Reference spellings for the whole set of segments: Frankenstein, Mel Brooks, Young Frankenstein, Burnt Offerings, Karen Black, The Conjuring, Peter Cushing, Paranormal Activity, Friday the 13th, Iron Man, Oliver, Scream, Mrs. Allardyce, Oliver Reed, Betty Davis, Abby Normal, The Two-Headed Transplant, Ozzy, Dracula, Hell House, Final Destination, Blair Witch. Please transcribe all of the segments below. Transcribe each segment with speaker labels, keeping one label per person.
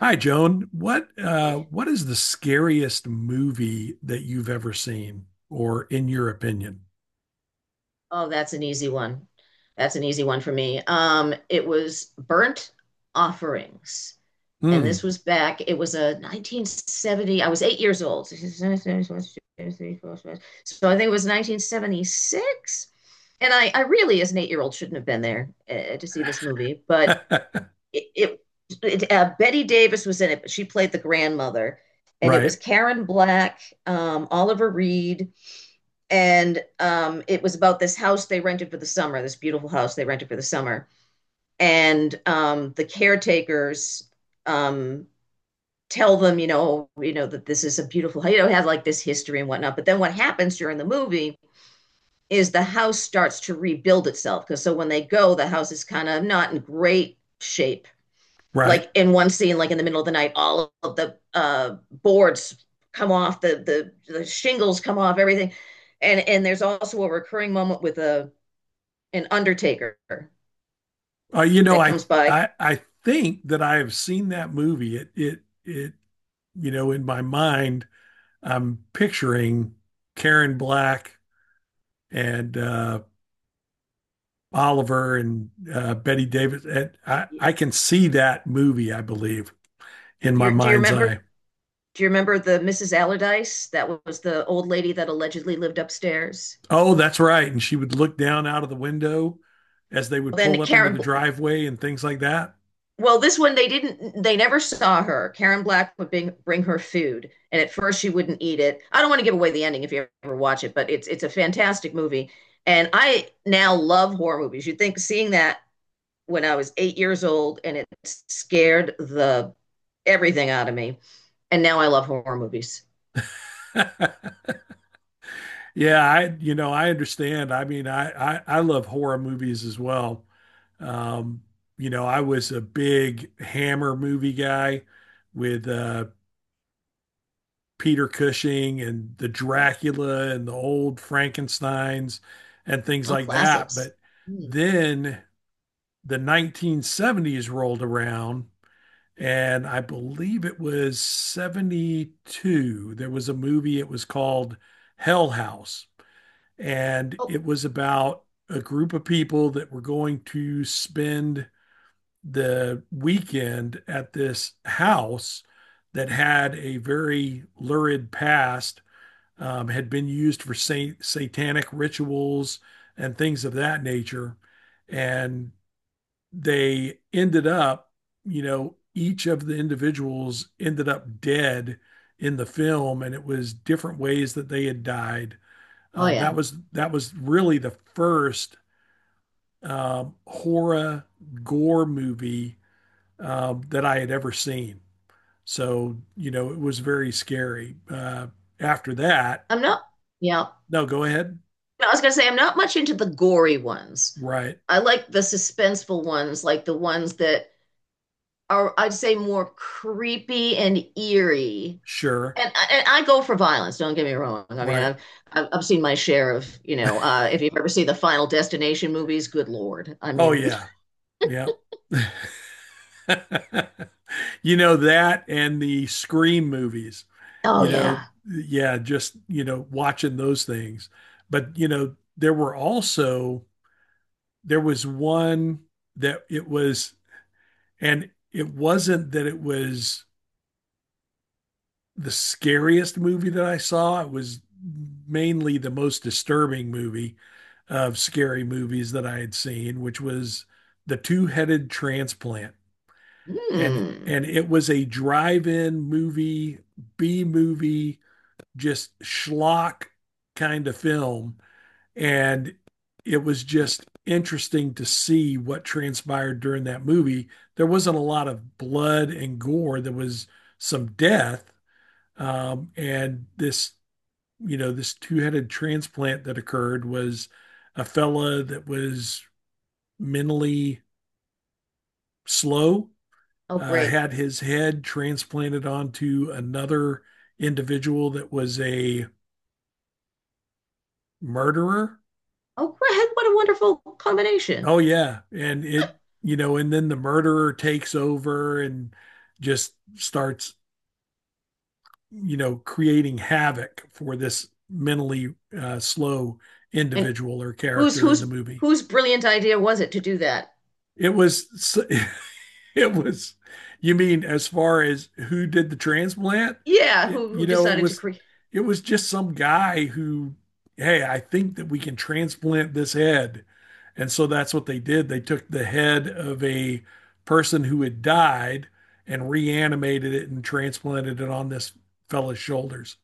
Speaker 1: Hi, Joan. What uh,
Speaker 2: Okay.
Speaker 1: what is the scariest movie that you've ever seen, or in your opinion?
Speaker 2: Oh, that's an easy one. That's an easy one for me. It was Burnt Offerings. And
Speaker 1: Hmm.
Speaker 2: this was back, it was a 1970, I was 8 years old. So I think it was 1976. And I really, as an 8 year old, shouldn't have been there to see this movie. But it, it, it Betty Davis was in it, but she played the grandmother. And it was
Speaker 1: Right,
Speaker 2: Karen Black, Oliver Reed, and it was about this house they rented for the summer, this beautiful house they rented for the summer. And the caretakers um, tell them, you know that this is a beautiful, you know, have like this history and whatnot. But then what happens during the movie is the house starts to rebuild itself because so when they go, the house is kind of not in great shape
Speaker 1: right.
Speaker 2: like in one scene, like in the middle of the night, all of the boards come off, the shingles come off, everything, and there's also a recurring moment with a an undertaker
Speaker 1: Uh, you know,
Speaker 2: that
Speaker 1: I
Speaker 2: comes by.
Speaker 1: I think that I have seen that movie. It. You know, in my mind, I'm picturing Karen Black and Oliver and Betty Davis. And I can see that movie, I believe, in
Speaker 2: Do
Speaker 1: my
Speaker 2: you do you
Speaker 1: mind's eye.
Speaker 2: remember? Do you remember the Mrs. Allardyce? That was the old lady that allegedly lived upstairs.
Speaker 1: Oh, that's right. And she would look down out of the window as they would
Speaker 2: Then
Speaker 1: pull up into
Speaker 2: Karen
Speaker 1: the driveway and things like that.
Speaker 2: Well, this one they didn't, they never saw her. Karen Black would bring her food, and at first she wouldn't eat it. I don't want to give away the ending if you ever watch it, but it's a fantastic movie. And I now love horror movies. You'd think seeing that when I was 8 years old and it scared the everything out of me. And now I love horror movies.
Speaker 1: Yeah, I understand. I mean, I love horror movies as well. Um, you know, I was a big Hammer movie guy with Peter Cushing and the Dracula and the old Frankensteins and things
Speaker 2: Oh,
Speaker 1: like that.
Speaker 2: classics.
Speaker 1: But
Speaker 2: Hmm.
Speaker 1: then the 1970s rolled around. And I believe it was 72. There was a movie, it was called Hell House. And
Speaker 2: Oh,
Speaker 1: it was about a group of people that were going to spend the weekend at this house that had a very lurid past, had been used for satanic rituals and things of that nature. And they ended up, you know, each of the individuals ended up dead in the film, and it was different ways that they had died.
Speaker 2: oh
Speaker 1: That
Speaker 2: yeah.
Speaker 1: was that was really the first horror gore movie that I had ever seen. So, you know, it was very scary. After that,
Speaker 2: I'm not, yeah.
Speaker 1: no, go ahead.
Speaker 2: No, I was gonna say I'm not much into the gory ones.
Speaker 1: Right.
Speaker 2: I like the suspenseful ones, like the ones that are I'd say more creepy and eerie.
Speaker 1: Sure.
Speaker 2: And I go for violence, don't get me wrong. I mean,
Speaker 1: Right.
Speaker 2: I've seen my share of, you know, if you've ever seen the Final Destination movies, good Lord. I
Speaker 1: Oh,
Speaker 2: mean,
Speaker 1: yeah. Yeah. You know, that and the Scream movies.
Speaker 2: oh
Speaker 1: You know,
Speaker 2: yeah.
Speaker 1: yeah, just, you know, watching those things. But, you know, there were also there was one that it was, and it wasn't that it was the scariest movie that I saw. It was mainly the most disturbing movie of scary movies that I had seen, which was The Two-Headed Transplant. and
Speaker 2: Hmm.
Speaker 1: and it was a drive-in movie, B movie, just schlock kind of film, and it was just interesting to see what transpired during that movie. There wasn't a lot of blood and gore. There was some death, and this you know this two-headed transplant that occurred was a fella that was mentally slow,
Speaker 2: Oh great.
Speaker 1: had his head transplanted onto another individual that was a murderer.
Speaker 2: Oh great. What a wonderful combination.
Speaker 1: Oh yeah, and it you know, and then the murderer takes over and just starts you know creating havoc for this mentally slow
Speaker 2: And
Speaker 1: individual or
Speaker 2: whose
Speaker 1: character in the
Speaker 2: whose
Speaker 1: movie.
Speaker 2: whose brilliant idea was it to do that?
Speaker 1: It was it was, you mean as far as who did the transplant?
Speaker 2: Yeah,
Speaker 1: It,
Speaker 2: who
Speaker 1: you
Speaker 2: who
Speaker 1: know, it
Speaker 2: decided to
Speaker 1: was
Speaker 2: create?
Speaker 1: it was just some guy who, hey, I think that we can transplant this head. And so that's what they did. They took the head of a person who had died and reanimated it and transplanted it on this fella's shoulders.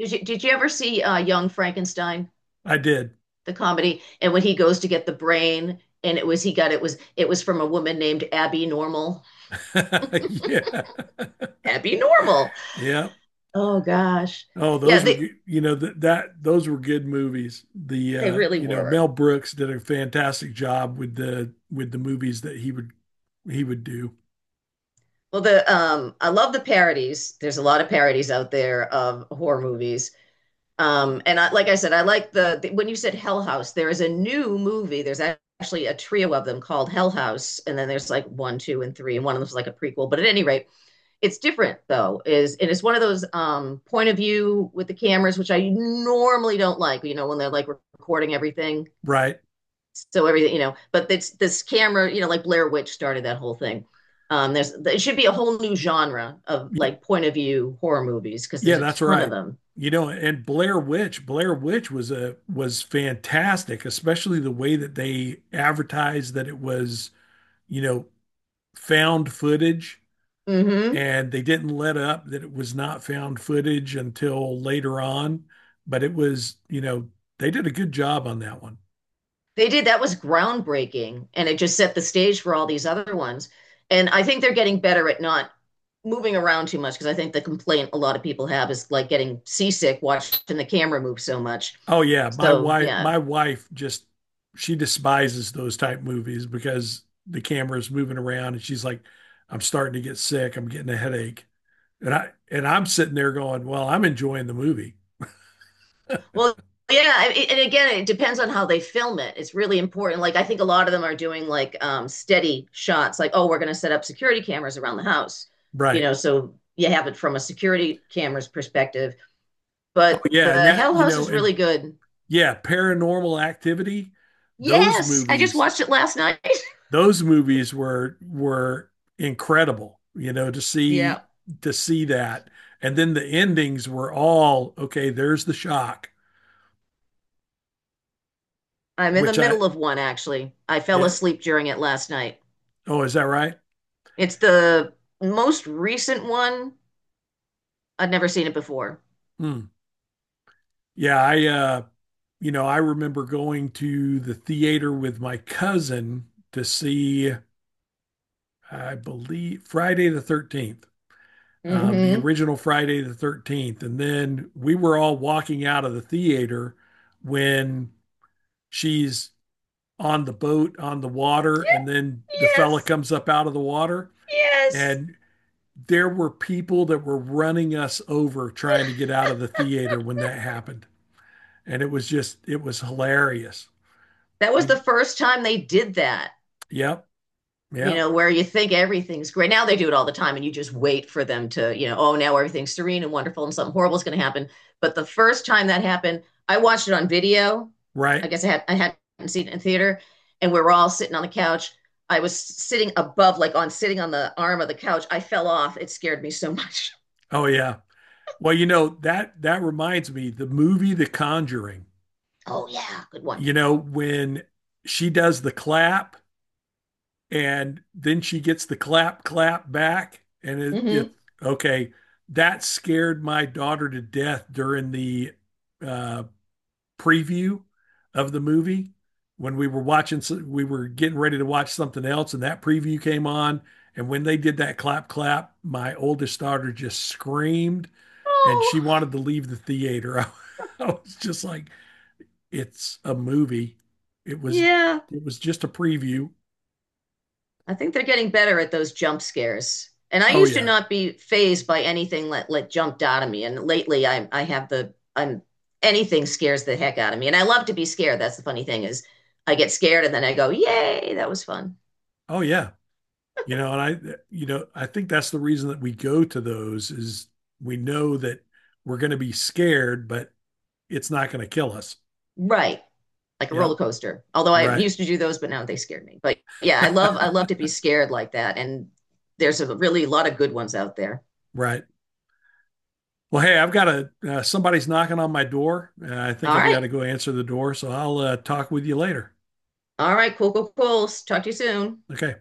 Speaker 2: Did you ever see Young Frankenstein?
Speaker 1: I did.
Speaker 2: The comedy. And when he goes to get the brain, and it was he got it was from a woman named Abby Normal.
Speaker 1: Yeah.
Speaker 2: Abby Normal.
Speaker 1: Yeah.
Speaker 2: Oh gosh.
Speaker 1: Oh,
Speaker 2: Yeah,
Speaker 1: those were you know that those were good movies. The
Speaker 2: they really
Speaker 1: you know Mel
Speaker 2: were.
Speaker 1: Brooks did a fantastic job with the movies that he would do.
Speaker 2: Well, the I love the parodies. There's a lot of parodies out there of horror movies. And I like I said I like the when you said Hell House, there is a new movie. There's actually a trio of them called Hell House and then there's like 1, 2 and 3 and one of them is like a prequel. But at any rate, it's different though is and it's one of those point of view with the cameras, which I normally don't like, you know, when they're like recording everything
Speaker 1: Right?
Speaker 2: so everything, you know, but it's this camera, you know, like Blair Witch started that whole thing. There's it should be a whole new genre of
Speaker 1: Y-
Speaker 2: like point of view horror movies because
Speaker 1: Yeah,
Speaker 2: there's a
Speaker 1: that's
Speaker 2: ton of
Speaker 1: right.
Speaker 2: them.
Speaker 1: You know, and Blair Witch, Blair Witch was a was fantastic, especially the way that they advertised that it was, you know, found footage,
Speaker 2: Mm-hmm.
Speaker 1: and they didn't let up that it was not found footage until later on. But it was, you know, they did a good job on that one.
Speaker 2: They did. That was groundbreaking, and it just set the stage for all these other ones. And I think they're getting better at not moving around too much because I think the complaint a lot of people have is like getting seasick watching the camera move so much.
Speaker 1: Oh yeah, my
Speaker 2: So,
Speaker 1: wife
Speaker 2: yeah.
Speaker 1: my wife just she despises those type movies because the camera's moving around, and she's like, I'm starting to get sick, I'm getting a headache. And I'm sitting there going, well, I'm enjoying the movie.
Speaker 2: Well, yeah, I- and again, it depends on how they film it. It's really important. Like I think a lot of them are doing like steady shots, like, oh, we're going to set up security cameras around the house. You
Speaker 1: Right.
Speaker 2: know, so you have it from a security camera's perspective.
Speaker 1: Oh
Speaker 2: But
Speaker 1: yeah,
Speaker 2: the
Speaker 1: and that
Speaker 2: Hell
Speaker 1: you
Speaker 2: House
Speaker 1: know
Speaker 2: is
Speaker 1: and
Speaker 2: really good.
Speaker 1: yeah, paranormal activity, those
Speaker 2: Yes, I just
Speaker 1: movies
Speaker 2: watched it last night.
Speaker 1: those movies were incredible, you know, to
Speaker 2: Yeah,
Speaker 1: see, to see that. And then the endings were all okay, there's the shock,
Speaker 2: I'm in the
Speaker 1: which I,
Speaker 2: middle of one actually. I fell
Speaker 1: yeah.
Speaker 2: asleep during it last night.
Speaker 1: Oh, is that right?
Speaker 2: It's the most recent one. I'd never seen it before.
Speaker 1: Hmm. Yeah, I you know, I remember going to the theater with my cousin to see, I believe, Friday the 13th, the
Speaker 2: Mm-hmm.
Speaker 1: original Friday the 13th. And then we were all walking out of the theater when she's on the boat on the water, and then the fella
Speaker 2: Yes,
Speaker 1: comes up out of the water.
Speaker 2: yes.
Speaker 1: And there were people that were running us over trying to get out of the theater when that happened, and it was just, it was hilarious.
Speaker 2: That was
Speaker 1: We,
Speaker 2: the first time they did that.
Speaker 1: yep,
Speaker 2: You
Speaker 1: yep.
Speaker 2: know, where you think everything's great. Now they do it all the time and you just wait for them to, you know, oh, now everything's serene and wonderful and something horrible is going to happen. But the first time that happened, I watched it on video. I
Speaker 1: Right.
Speaker 2: guess I hadn't seen it in theater and we were all sitting on the couch. I was sitting above like on sitting on the arm of the couch. I fell off. It scared me so much.
Speaker 1: Oh yeah, well, you know, that reminds me, the movie The Conjuring,
Speaker 2: Oh yeah, good one.
Speaker 1: you know, when she does the clap, and then she gets the clap clap back, and it
Speaker 2: Mhm.
Speaker 1: okay, that scared my daughter to death during the uh preview of the movie, when we were watching we were getting ready to watch something else, and that preview came on. And when they did that clap clap, my oldest daughter just screamed and
Speaker 2: Oh,
Speaker 1: she wanted to leave the theater. I was just like, it's a movie, it was,
Speaker 2: yeah.
Speaker 1: it was just a preview.
Speaker 2: I think they're getting better at those jump scares. And I
Speaker 1: Oh
Speaker 2: used to
Speaker 1: yeah.
Speaker 2: not be phased by anything that like jumped out of me. And lately I have the I'm anything scares the heck out of me. And I love to be scared. That's the funny thing is I get scared and then I go, "Yay, that was fun."
Speaker 1: Oh yeah. You know, and I, you know, I think that's the reason that we go to those is we know that we're going to be scared, but it's not going to kill us.
Speaker 2: Right. Like a
Speaker 1: Yeah.
Speaker 2: roller coaster. Although I
Speaker 1: Right.
Speaker 2: used to do those, but now they scared me. But yeah, I love to be scared like that. And there's a really lot of good ones out there.
Speaker 1: Right. Well, hey, I've got a somebody's knocking on my door. I think
Speaker 2: All
Speaker 1: I've got
Speaker 2: right.
Speaker 1: to go answer the door, so I'll talk with you later.
Speaker 2: All right, cool, cool, cool. Talk to you soon.
Speaker 1: Okay.